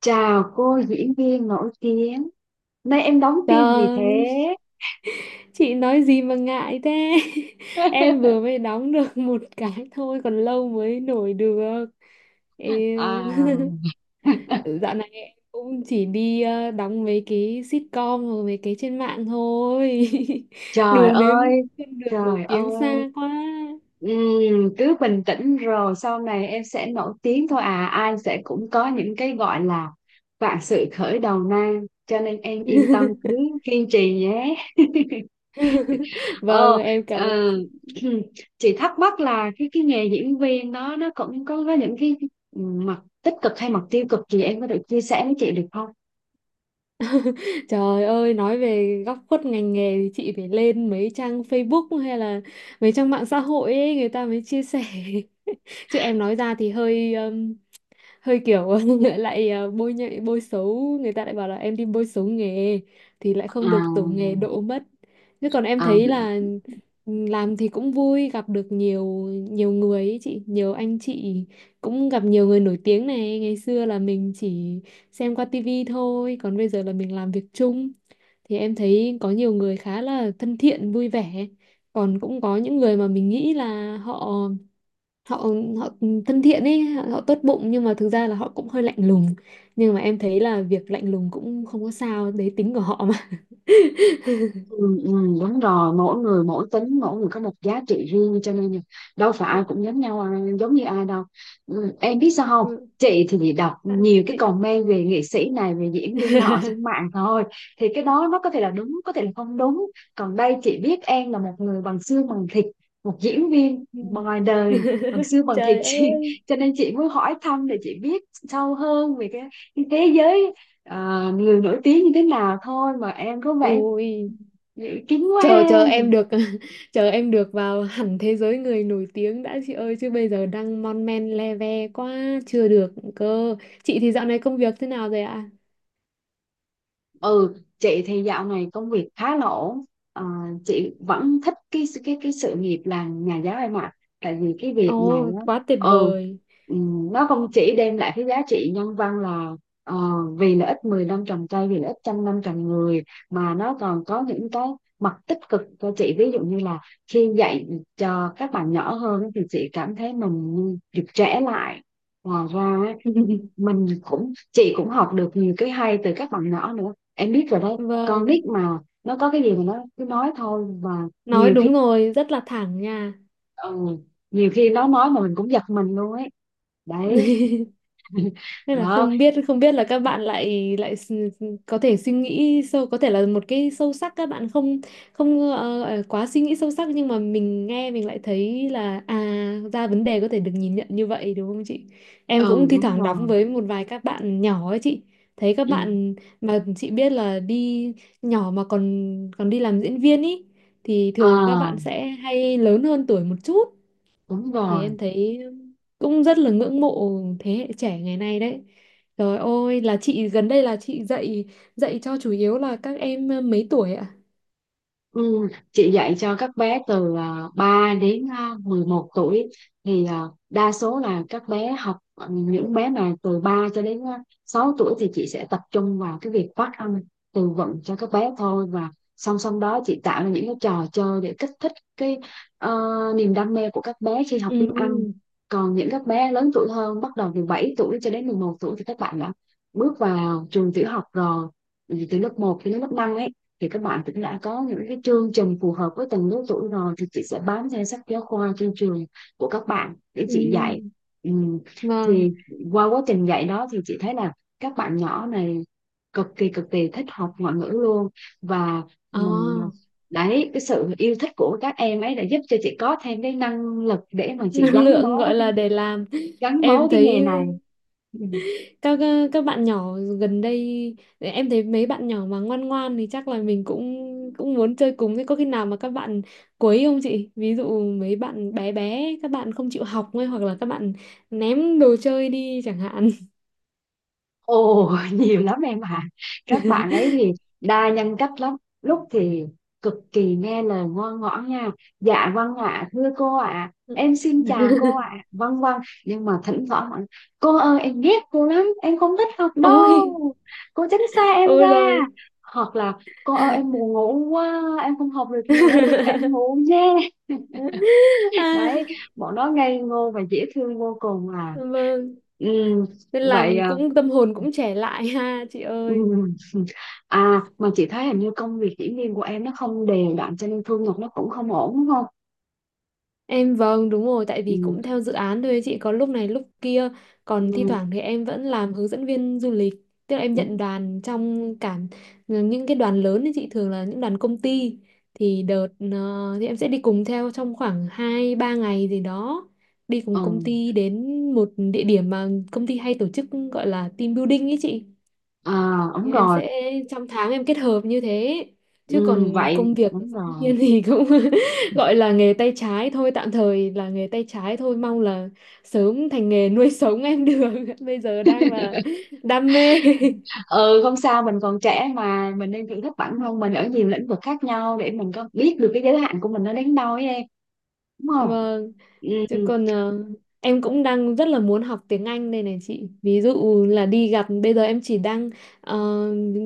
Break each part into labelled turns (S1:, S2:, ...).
S1: Chào cô diễn viên nổi tiếng. Nay em đóng phim gì thế?
S2: Trời, chị nói gì mà ngại thế? Em vừa mới đóng được một cái thôi, còn lâu mới nổi được. Yêu.
S1: À,
S2: Dạo này em cũng chỉ đi đóng mấy cái sitcom hoặc mấy cái trên mạng thôi.
S1: trời
S2: Đường
S1: ơi,
S2: đến trên đường nổi
S1: trời
S2: tiếng
S1: ơi.
S2: xa quá.
S1: Cứ bình tĩnh rồi sau này em sẽ nổi tiếng thôi à. Ai sẽ cũng có những cái gọi là vạn sự khởi đầu nan. Cho nên em yên tâm cứ kiên trì nhé. ờ
S2: Vâng, em cảm
S1: ờ,
S2: ơn chị.
S1: chị thắc mắc là cái nghề diễn viên đó nó cũng có những cái mặt tích cực hay mặt tiêu cực gì em có thể chia sẻ với chị được không?
S2: Trời ơi, nói về góc khuất ngành nghề thì chị phải lên mấy trang Facebook hay là mấy trang mạng xã hội ấy, người ta mới chia sẻ. Chứ em nói ra thì hơi hơi kiểu lại bôi nhạy bôi xấu, người ta lại bảo là em đi bôi xấu nghề thì lại không được tổ nghề
S1: À,
S2: đỗ mất. Chứ còn em
S1: à.
S2: thấy là, ừ, làm thì cũng vui, gặp được nhiều nhiều người ấy chị, nhiều anh chị, cũng gặp nhiều người nổi tiếng này, ngày xưa là mình chỉ xem qua tivi thôi còn bây giờ là mình làm việc chung, thì em thấy có nhiều người khá là thân thiện vui vẻ. Còn cũng có những người mà mình nghĩ là họ họ họ thân thiện ấy, họ, tốt bụng, nhưng mà thực ra là họ cũng hơi lạnh lùng. Nhưng mà em thấy là việc lạnh lùng cũng không có sao, đấy tính của họ mà.
S1: Ừ, ừ, đúng rồi, mỗi người mỗi tính, mỗi người có một giá trị riêng, cho nên là đâu phải
S2: Ừ,
S1: ai cũng giống nhau, giống như ai đâu. Ừ, em biết sao không,
S2: ừ.
S1: chị thì bị đọc
S2: À,
S1: nhiều cái
S2: chị.
S1: comment về nghệ sĩ này về diễn viên nọ trên mạng thôi, thì cái đó nó có thể là đúng có thể là không đúng. Còn đây chị biết em là một người bằng xương bằng thịt, một diễn viên
S2: Ừ.
S1: ngoài đời bằng xương bằng thịt
S2: Trời
S1: chị,
S2: ơi.
S1: cho nên chị muốn hỏi thăm để chị biết sâu hơn về cái thế giới người nổi tiếng như thế nào thôi, mà em có vẻ
S2: Ui,
S1: kín quá ha.
S2: chờ chờ em được chờ em được vào hẳn thế giới người nổi tiếng đã chị ơi, chứ bây giờ đang mon men le ve quá chưa được cơ. Chị thì dạo này công việc thế nào rồi ạ?
S1: Ừ, chị thì dạo này công việc khá là ổn. Ờ, chị vẫn thích cái sự nghiệp làm nhà giáo em ạ. Tại vì cái việc này
S2: Ồ,
S1: á,
S2: quá tuyệt
S1: ừ,
S2: vời.
S1: nó không chỉ đem lại cái giá trị nhân văn là, ờ, vì lợi ích 10 năm trồng cây, vì lợi ích trăm năm trồng người, mà nó còn có những cái mặt tích cực cho chị. Ví dụ như là khi dạy cho các bạn nhỏ hơn á, thì chị cảm thấy mình như được trẻ lại. Ngoài ra mình cũng chị cũng học được nhiều cái hay từ các bạn nhỏ nữa, em biết rồi đấy, con
S2: Vâng,
S1: nít mà, nó có cái gì mà nó cứ nói thôi, mà
S2: nói
S1: nhiều khi
S2: đúng rồi, rất là thẳng nha.
S1: ừ, nhiều khi nó nói mà mình cũng giật mình luôn ấy đấy.
S2: Nên là
S1: Đó.
S2: không biết là các bạn lại lại có thể suy nghĩ sâu, có thể là một cái sâu sắc các bạn không. Không quá suy nghĩ sâu sắc, nhưng mà mình nghe mình lại thấy là à ra vấn đề có thể được nhìn nhận như vậy, đúng không chị? Em cũng
S1: Ừ,
S2: thi
S1: đúng
S2: thoảng đóng
S1: rồi.
S2: với một vài các bạn nhỏ ấy chị, thấy các
S1: Ừ.
S2: bạn mà chị biết là đi nhỏ mà còn còn đi làm diễn viên ý thì thường là các bạn
S1: À,
S2: sẽ hay lớn hơn tuổi một chút,
S1: đúng
S2: thì
S1: rồi.
S2: em thấy cũng rất là ngưỡng mộ thế hệ trẻ ngày nay đấy. Trời ơi là chị gần đây là chị dạy dạy cho chủ yếu là các em mấy tuổi ạ?
S1: Ừ, chị dạy cho các bé từ 3 đến 11 tuổi, thì đa số là các bé học, những bé mà từ 3 cho đến 6 tuổi thì chị sẽ tập trung vào cái việc phát âm, từ vựng cho các bé thôi, và song song đó chị tạo ra những cái trò chơi để kích thích cái, ờ, niềm đam mê của các bé khi học
S2: Ừ,
S1: tiếng Anh. Còn những các bé lớn tuổi hơn bắt đầu từ 7 tuổi cho đến 11 tuổi thì các bạn đã bước vào trường tiểu học rồi. Ừ, từ lớp 1 đến lớp 5 ấy, thì các bạn cũng đã có những cái chương trình phù hợp với từng lứa tuổi rồi, thì chị sẽ bám theo sách giáo khoa trên trường của các bạn để chị dạy.
S2: ừ,
S1: Ừ.
S2: vâng,
S1: Thì qua quá trình dạy đó thì chị thấy là các bạn nhỏ này cực kỳ thích học ngoại ngữ luôn, và mình,
S2: à.
S1: đấy, cái sự yêu thích của các em ấy đã giúp cho chị có thêm cái năng lực để mà chị
S2: Năng
S1: gắn
S2: lượng
S1: bó với
S2: gọi
S1: cái,
S2: là để làm.
S1: gắn bó
S2: Em
S1: cái nghề
S2: thấy
S1: này. Ừ.
S2: các các bạn nhỏ gần đây, em thấy mấy bạn nhỏ mà ngoan ngoan thì chắc là mình cũng cũng muốn chơi cùng. Thế có khi nào mà các bạn quấy không chị, ví dụ mấy bạn bé bé các bạn không chịu học ấy, hoặc là các bạn ném đồ chơi đi chẳng hạn?
S1: Ồ, nhiều lắm em ạ. Các bạn ấy thì đa nhân cách lắm. Lúc thì cực kỳ nghe lời ngoan ngoãn nha: "Dạ vâng ạ thưa cô ạ. Em xin chào cô ạ. Vâng vâng." Nhưng mà thỉnh thoảng bạn, "Cô ơi em ghét cô lắm, em không thích học
S2: Ôi.
S1: đâu, cô tránh xa em
S2: Ôi
S1: ra."
S2: rồi.
S1: Hoặc là, "Cô ơi em buồn ngủ quá, em không học được nữa, cô cho em ngủ nhé."
S2: À,
S1: Đấy, bọn nó ngây ngô và dễ thương vô cùng à.
S2: vâng,
S1: Ừ,
S2: nên
S1: vậy
S2: làm
S1: à.
S2: cũng tâm hồn cũng trẻ lại ha chị ơi.
S1: Ừm. À, mà chị thấy hình như công việc diễn viên của em nó không đều đặn cho nên thu nhập nó cũng không ổn đúng không?
S2: Em, vâng, đúng rồi, tại vì
S1: Ừ,
S2: cũng theo dự án thôi chị, có lúc này lúc kia. Còn thi
S1: ừ,
S2: thoảng thì em vẫn làm hướng dẫn viên du lịch, tức là em nhận
S1: đúng.
S2: đoàn trong cả những cái đoàn lớn thì chị thường là những đoàn công ty, thì đợt thì em sẽ đi cùng theo trong khoảng 2 3 ngày gì đó, đi cùng công
S1: Ừ.
S2: ty đến một địa điểm mà công ty hay tổ chức, gọi là team building ấy chị.
S1: À, đúng
S2: Thì em
S1: rồi.
S2: sẽ trong tháng em kết hợp như thế. Chứ
S1: Ừ,
S2: còn
S1: vậy
S2: công việc của
S1: đúng
S2: sinh
S1: rồi.
S2: viên thì cũng gọi là nghề tay trái thôi, tạm thời là nghề tay trái thôi, mong là sớm thành nghề nuôi sống em được. Bây giờ đang là đam mê.
S1: Ừ, không sao, mình còn trẻ mà, mình nên thử thách bản thân mình ở nhiều lĩnh vực khác nhau để mình có biết được cái giới hạn của mình nó đến đâu ấy em, đúng không?
S2: Vâng.
S1: Ừ,
S2: Chứ còn em cũng đang rất là muốn học tiếng Anh đây này chị. Ví dụ là đi gặp, bây giờ em chỉ đang ờ,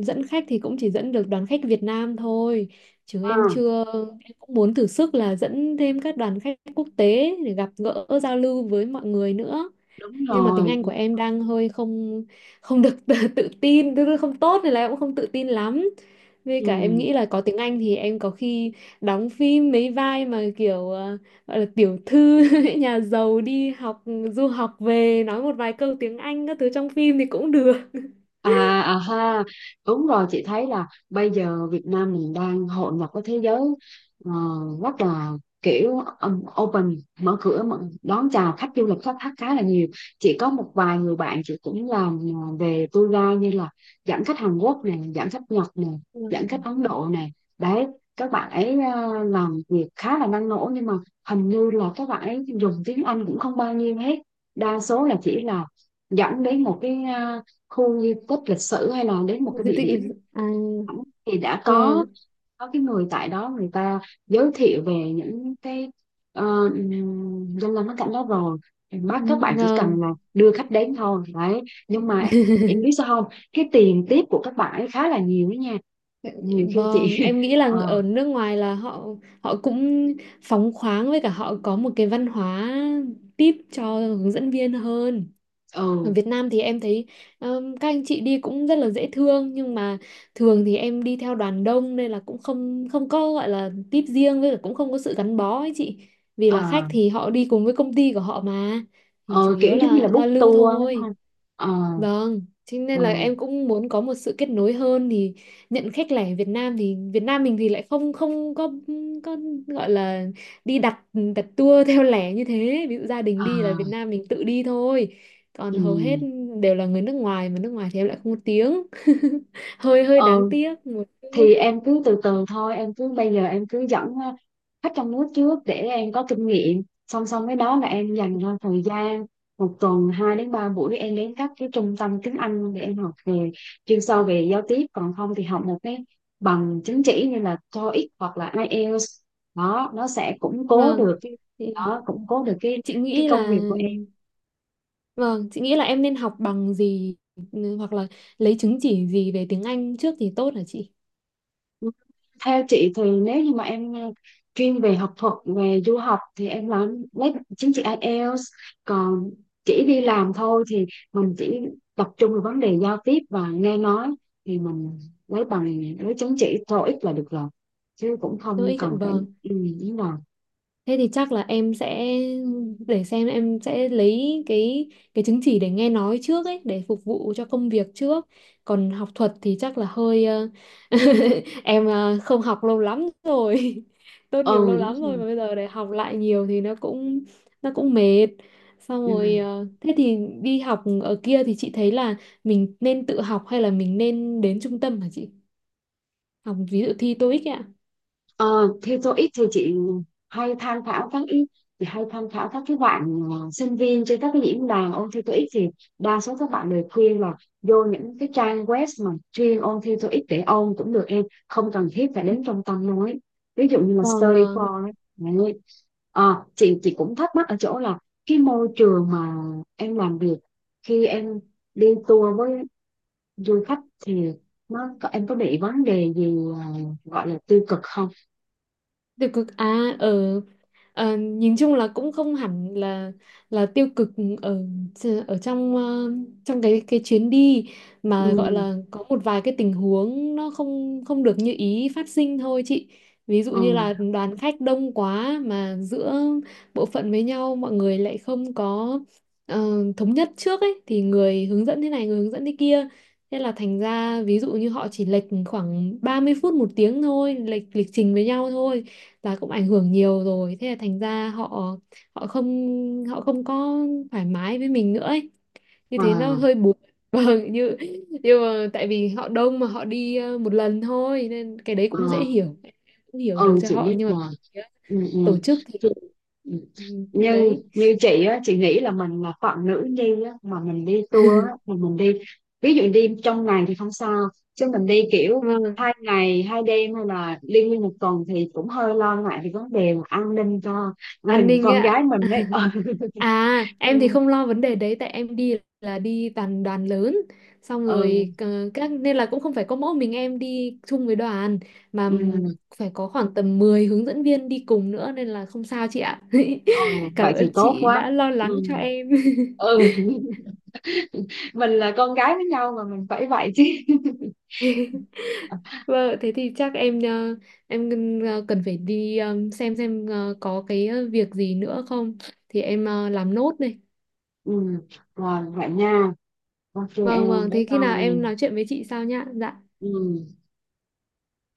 S2: dẫn khách thì cũng chỉ dẫn được đoàn khách Việt Nam thôi. Chứ em
S1: à,
S2: chưa, em cũng muốn thử sức là dẫn thêm các đoàn khách quốc tế để gặp gỡ giao lưu với mọi người nữa,
S1: đúng
S2: nhưng mà tiếng
S1: rồi.
S2: Anh của em đang hơi không không được tự tin, tức là không tốt nên là em cũng không tự tin lắm. Với
S1: Ừ.
S2: cả em nghĩ là có tiếng Anh thì em có khi đóng phim mấy vai mà kiểu gọi là tiểu thư nhà giàu đi học du học về, nói một vài câu tiếng Anh các thứ trong phim thì cũng được.
S1: À, à ha, đúng rồi, chị thấy là bây giờ Việt Nam mình đang hội nhập với thế giới ờ, rất là kiểu open, mở cửa mở, đón chào khách du lịch, khách, khách khá là nhiều. Chị có một vài người bạn chị cũng làm về tour guide, như là dẫn khách Hàn Quốc này, dẫn khách Nhật này, dẫn
S2: Vâng.
S1: khách Ấn Độ này, đấy, các bạn ấy làm việc khá là năng nổ nhưng mà hình như là các bạn ấy dùng tiếng Anh cũng không bao nhiêu hết, đa số là chỉ là dẫn đến một cái khu di tích lịch sử hay là đến một cái
S2: Di
S1: địa
S2: tích
S1: điểm
S2: lịch sử, à,
S1: thẳng, thì đã
S2: vâng,
S1: có cái người tại đó người ta giới thiệu về những cái ờ, danh lam thắng cảnh đó rồi, bác các bạn chỉ
S2: vâng.
S1: cần là đưa khách đến thôi đấy. Nhưng mà em biết sao không, cái tiền tiếp của các bạn ấy khá là nhiều đó nha, nhiều khi chị.
S2: Vâng, em nghĩ là
S1: ờ
S2: ở nước ngoài là họ họ cũng phóng khoáng, với cả họ có một cái văn hóa tip cho hướng dẫn viên hơn. Ở
S1: ừ
S2: Việt Nam thì em thấy các anh chị đi cũng rất là dễ thương, nhưng mà thường thì em đi theo đoàn đông nên là cũng không không có gọi là tip riêng, với cả cũng không có sự gắn bó ấy chị. Vì
S1: ờ
S2: là khách thì họ đi cùng với công ty của họ mà, thì chủ
S1: ờ,
S2: yếu
S1: Kiểu giống như
S2: là
S1: là book
S2: giao lưu
S1: tour đúng
S2: thôi.
S1: không? ờ
S2: Vâng, thế nên
S1: ờ
S2: là em cũng muốn có một sự kết nối hơn. Thì nhận khách lẻ Việt Nam, thì Việt Nam mình thì lại không không có có gọi là đi đặt đặt tour theo lẻ như thế. Ví dụ gia đình
S1: ờ
S2: đi là Việt Nam mình tự đi thôi.
S1: ừ
S2: Còn hầu hết đều là người nước ngoài, mà nước ngoài thì em lại không có tiếng. Hơi hơi đáng
S1: ừ.
S2: tiếc một chút.
S1: Thì em cứ từ từ thôi, em cứ bây giờ em cứ dẫn khách trong nước trước để em có kinh nghiệm, song song với đó là em dành ra thời gian một tuần 2 đến 3 buổi em đến các cái trung tâm tiếng Anh để em học về chuyên sâu về giao tiếp, còn không thì học một cái bằng chứng chỉ như là TOEIC hoặc là IELTS, đó nó sẽ củng cố
S2: Vâng.
S1: được cái,
S2: Thì
S1: đó củng cố được
S2: chị
S1: cái
S2: nghĩ
S1: công
S2: là,
S1: việc của.
S2: vâng, chị nghĩ là em nên học bằng gì hoặc là lấy chứng chỉ gì về tiếng Anh trước thì tốt hả chị?
S1: Theo chị thì nếu như mà em chuyên về học thuật về du học thì em làm lấy chứng chỉ IELTS, còn chỉ đi làm thôi thì mình chỉ tập trung vào vấn đề giao tiếp và nghe nói thì mình lấy bằng lấy chứng chỉ TOEIC là được rồi, chứ cũng không
S2: Tôi
S1: cần phải.
S2: vâng.
S1: Ừ, đúng rồi.
S2: Thế thì chắc là em sẽ để xem em sẽ lấy cái chứng chỉ để nghe nói trước ấy, để phục vụ cho công việc trước. Còn học thuật thì chắc là hơi em không học lâu lắm rồi. Tốt nghiệp
S1: Ừ
S2: lâu
S1: đúng
S2: lắm rồi,
S1: rồi.
S2: mà bây giờ để học lại nhiều thì nó cũng mệt. Xong rồi
S1: Ừ.
S2: thế thì đi học ở kia thì chị thấy là mình nên tự học hay là mình nên đến trung tâm hả chị? Học ví dụ thi TOEIC ấy ạ.
S1: Ờ, Thế tôi ít thì chị hay tham khảo các ý, thì hay tham khảo các cái bạn sinh viên trên các cái diễn đàn ôn thi TOEIC thì đa số các bạn đều khuyên là vô những cái trang web mà chuyên ôn thi TOEIC để ôn cũng được, em không cần thiết phải đến trung tâm nói, ví dụ như là
S2: Vâng,
S1: Study
S2: vâng.
S1: for ấy. Đấy. Chị cũng thắc mắc ở chỗ là cái môi trường mà em làm việc khi em đi tour với du khách thì nó có em có bị vấn đề gì gọi là tiêu cực không?
S2: Được cực à, ở. Ờ, nhìn chung là cũng không hẳn là tiêu cực, ở ở trong trong cái chuyến đi mà gọi
S1: Ừ.
S2: là có một vài cái tình huống nó không không được như ý phát sinh thôi chị. Ví dụ
S1: Ờ,
S2: như là đoàn khách đông quá mà giữa bộ phận với nhau mọi người lại không có ờ, thống nhất trước ấy, thì người hướng dẫn thế này người hướng dẫn thế kia. Thế là thành ra ví dụ như họ chỉ lệch khoảng 30 phút một tiếng thôi, lệch lịch trình với nhau thôi, và cũng ảnh hưởng nhiều rồi, thế là thành ra họ họ không họ không có thoải mái với mình nữa ấy. Như
S1: ờ,
S2: thế nó hơi buồn. Vâng, như nhưng mà tại vì họ đông mà họ đi một lần thôi nên cái đấy
S1: ờ,
S2: cũng dễ hiểu, cũng hiểu được
S1: ừ,
S2: cho
S1: chị
S2: họ.
S1: biết
S2: Nhưng mà
S1: rồi.
S2: phía
S1: Ừ, ừ.
S2: tổ chức thì,
S1: Chị, ừ.
S2: ừ,
S1: Như
S2: đấy.
S1: như chị á, chị nghĩ là mình là phận nữ đi á, mà mình đi tour á, mà mình đi ví dụ đi trong ngày thì không sao, chứ mình đi kiểu
S2: Vâng,
S1: 2 ngày 2 đêm hay là đi nguyên một tuần thì cũng hơi lo ngại về vấn đề mà an ninh cho
S2: an
S1: mình,
S2: ninh ấy
S1: con
S2: ạ.
S1: gái mình ấy.
S2: À,
S1: Ừ,
S2: em thì không lo vấn đề đấy tại em đi là đi toàn đoàn lớn. Xong
S1: ừ,
S2: rồi các nên là cũng không phải có mỗi mình em đi chung với đoàn, mà
S1: ừ,
S2: phải có khoảng tầm 10 hướng dẫn viên đi cùng nữa, nên là không sao chị ạ.
S1: ừ. Vậy
S2: Cảm ơn
S1: thì tốt
S2: chị
S1: quá.
S2: đã lo lắng
S1: Ừ.
S2: cho em.
S1: Ừ. Mình là con gái với nhau mà mình phải vậy chứ.
S2: Vâng, thế thì chắc em em cần phải đi xem có cái việc gì nữa không thì em làm nốt này.
S1: Ừ, rồi vậy nha, ok
S2: Vâng,
S1: em
S2: vâng,
S1: bye
S2: thế khi nào
S1: bye
S2: em
S1: em.
S2: nói chuyện với chị sau nhá. Dạ.
S1: Ừ.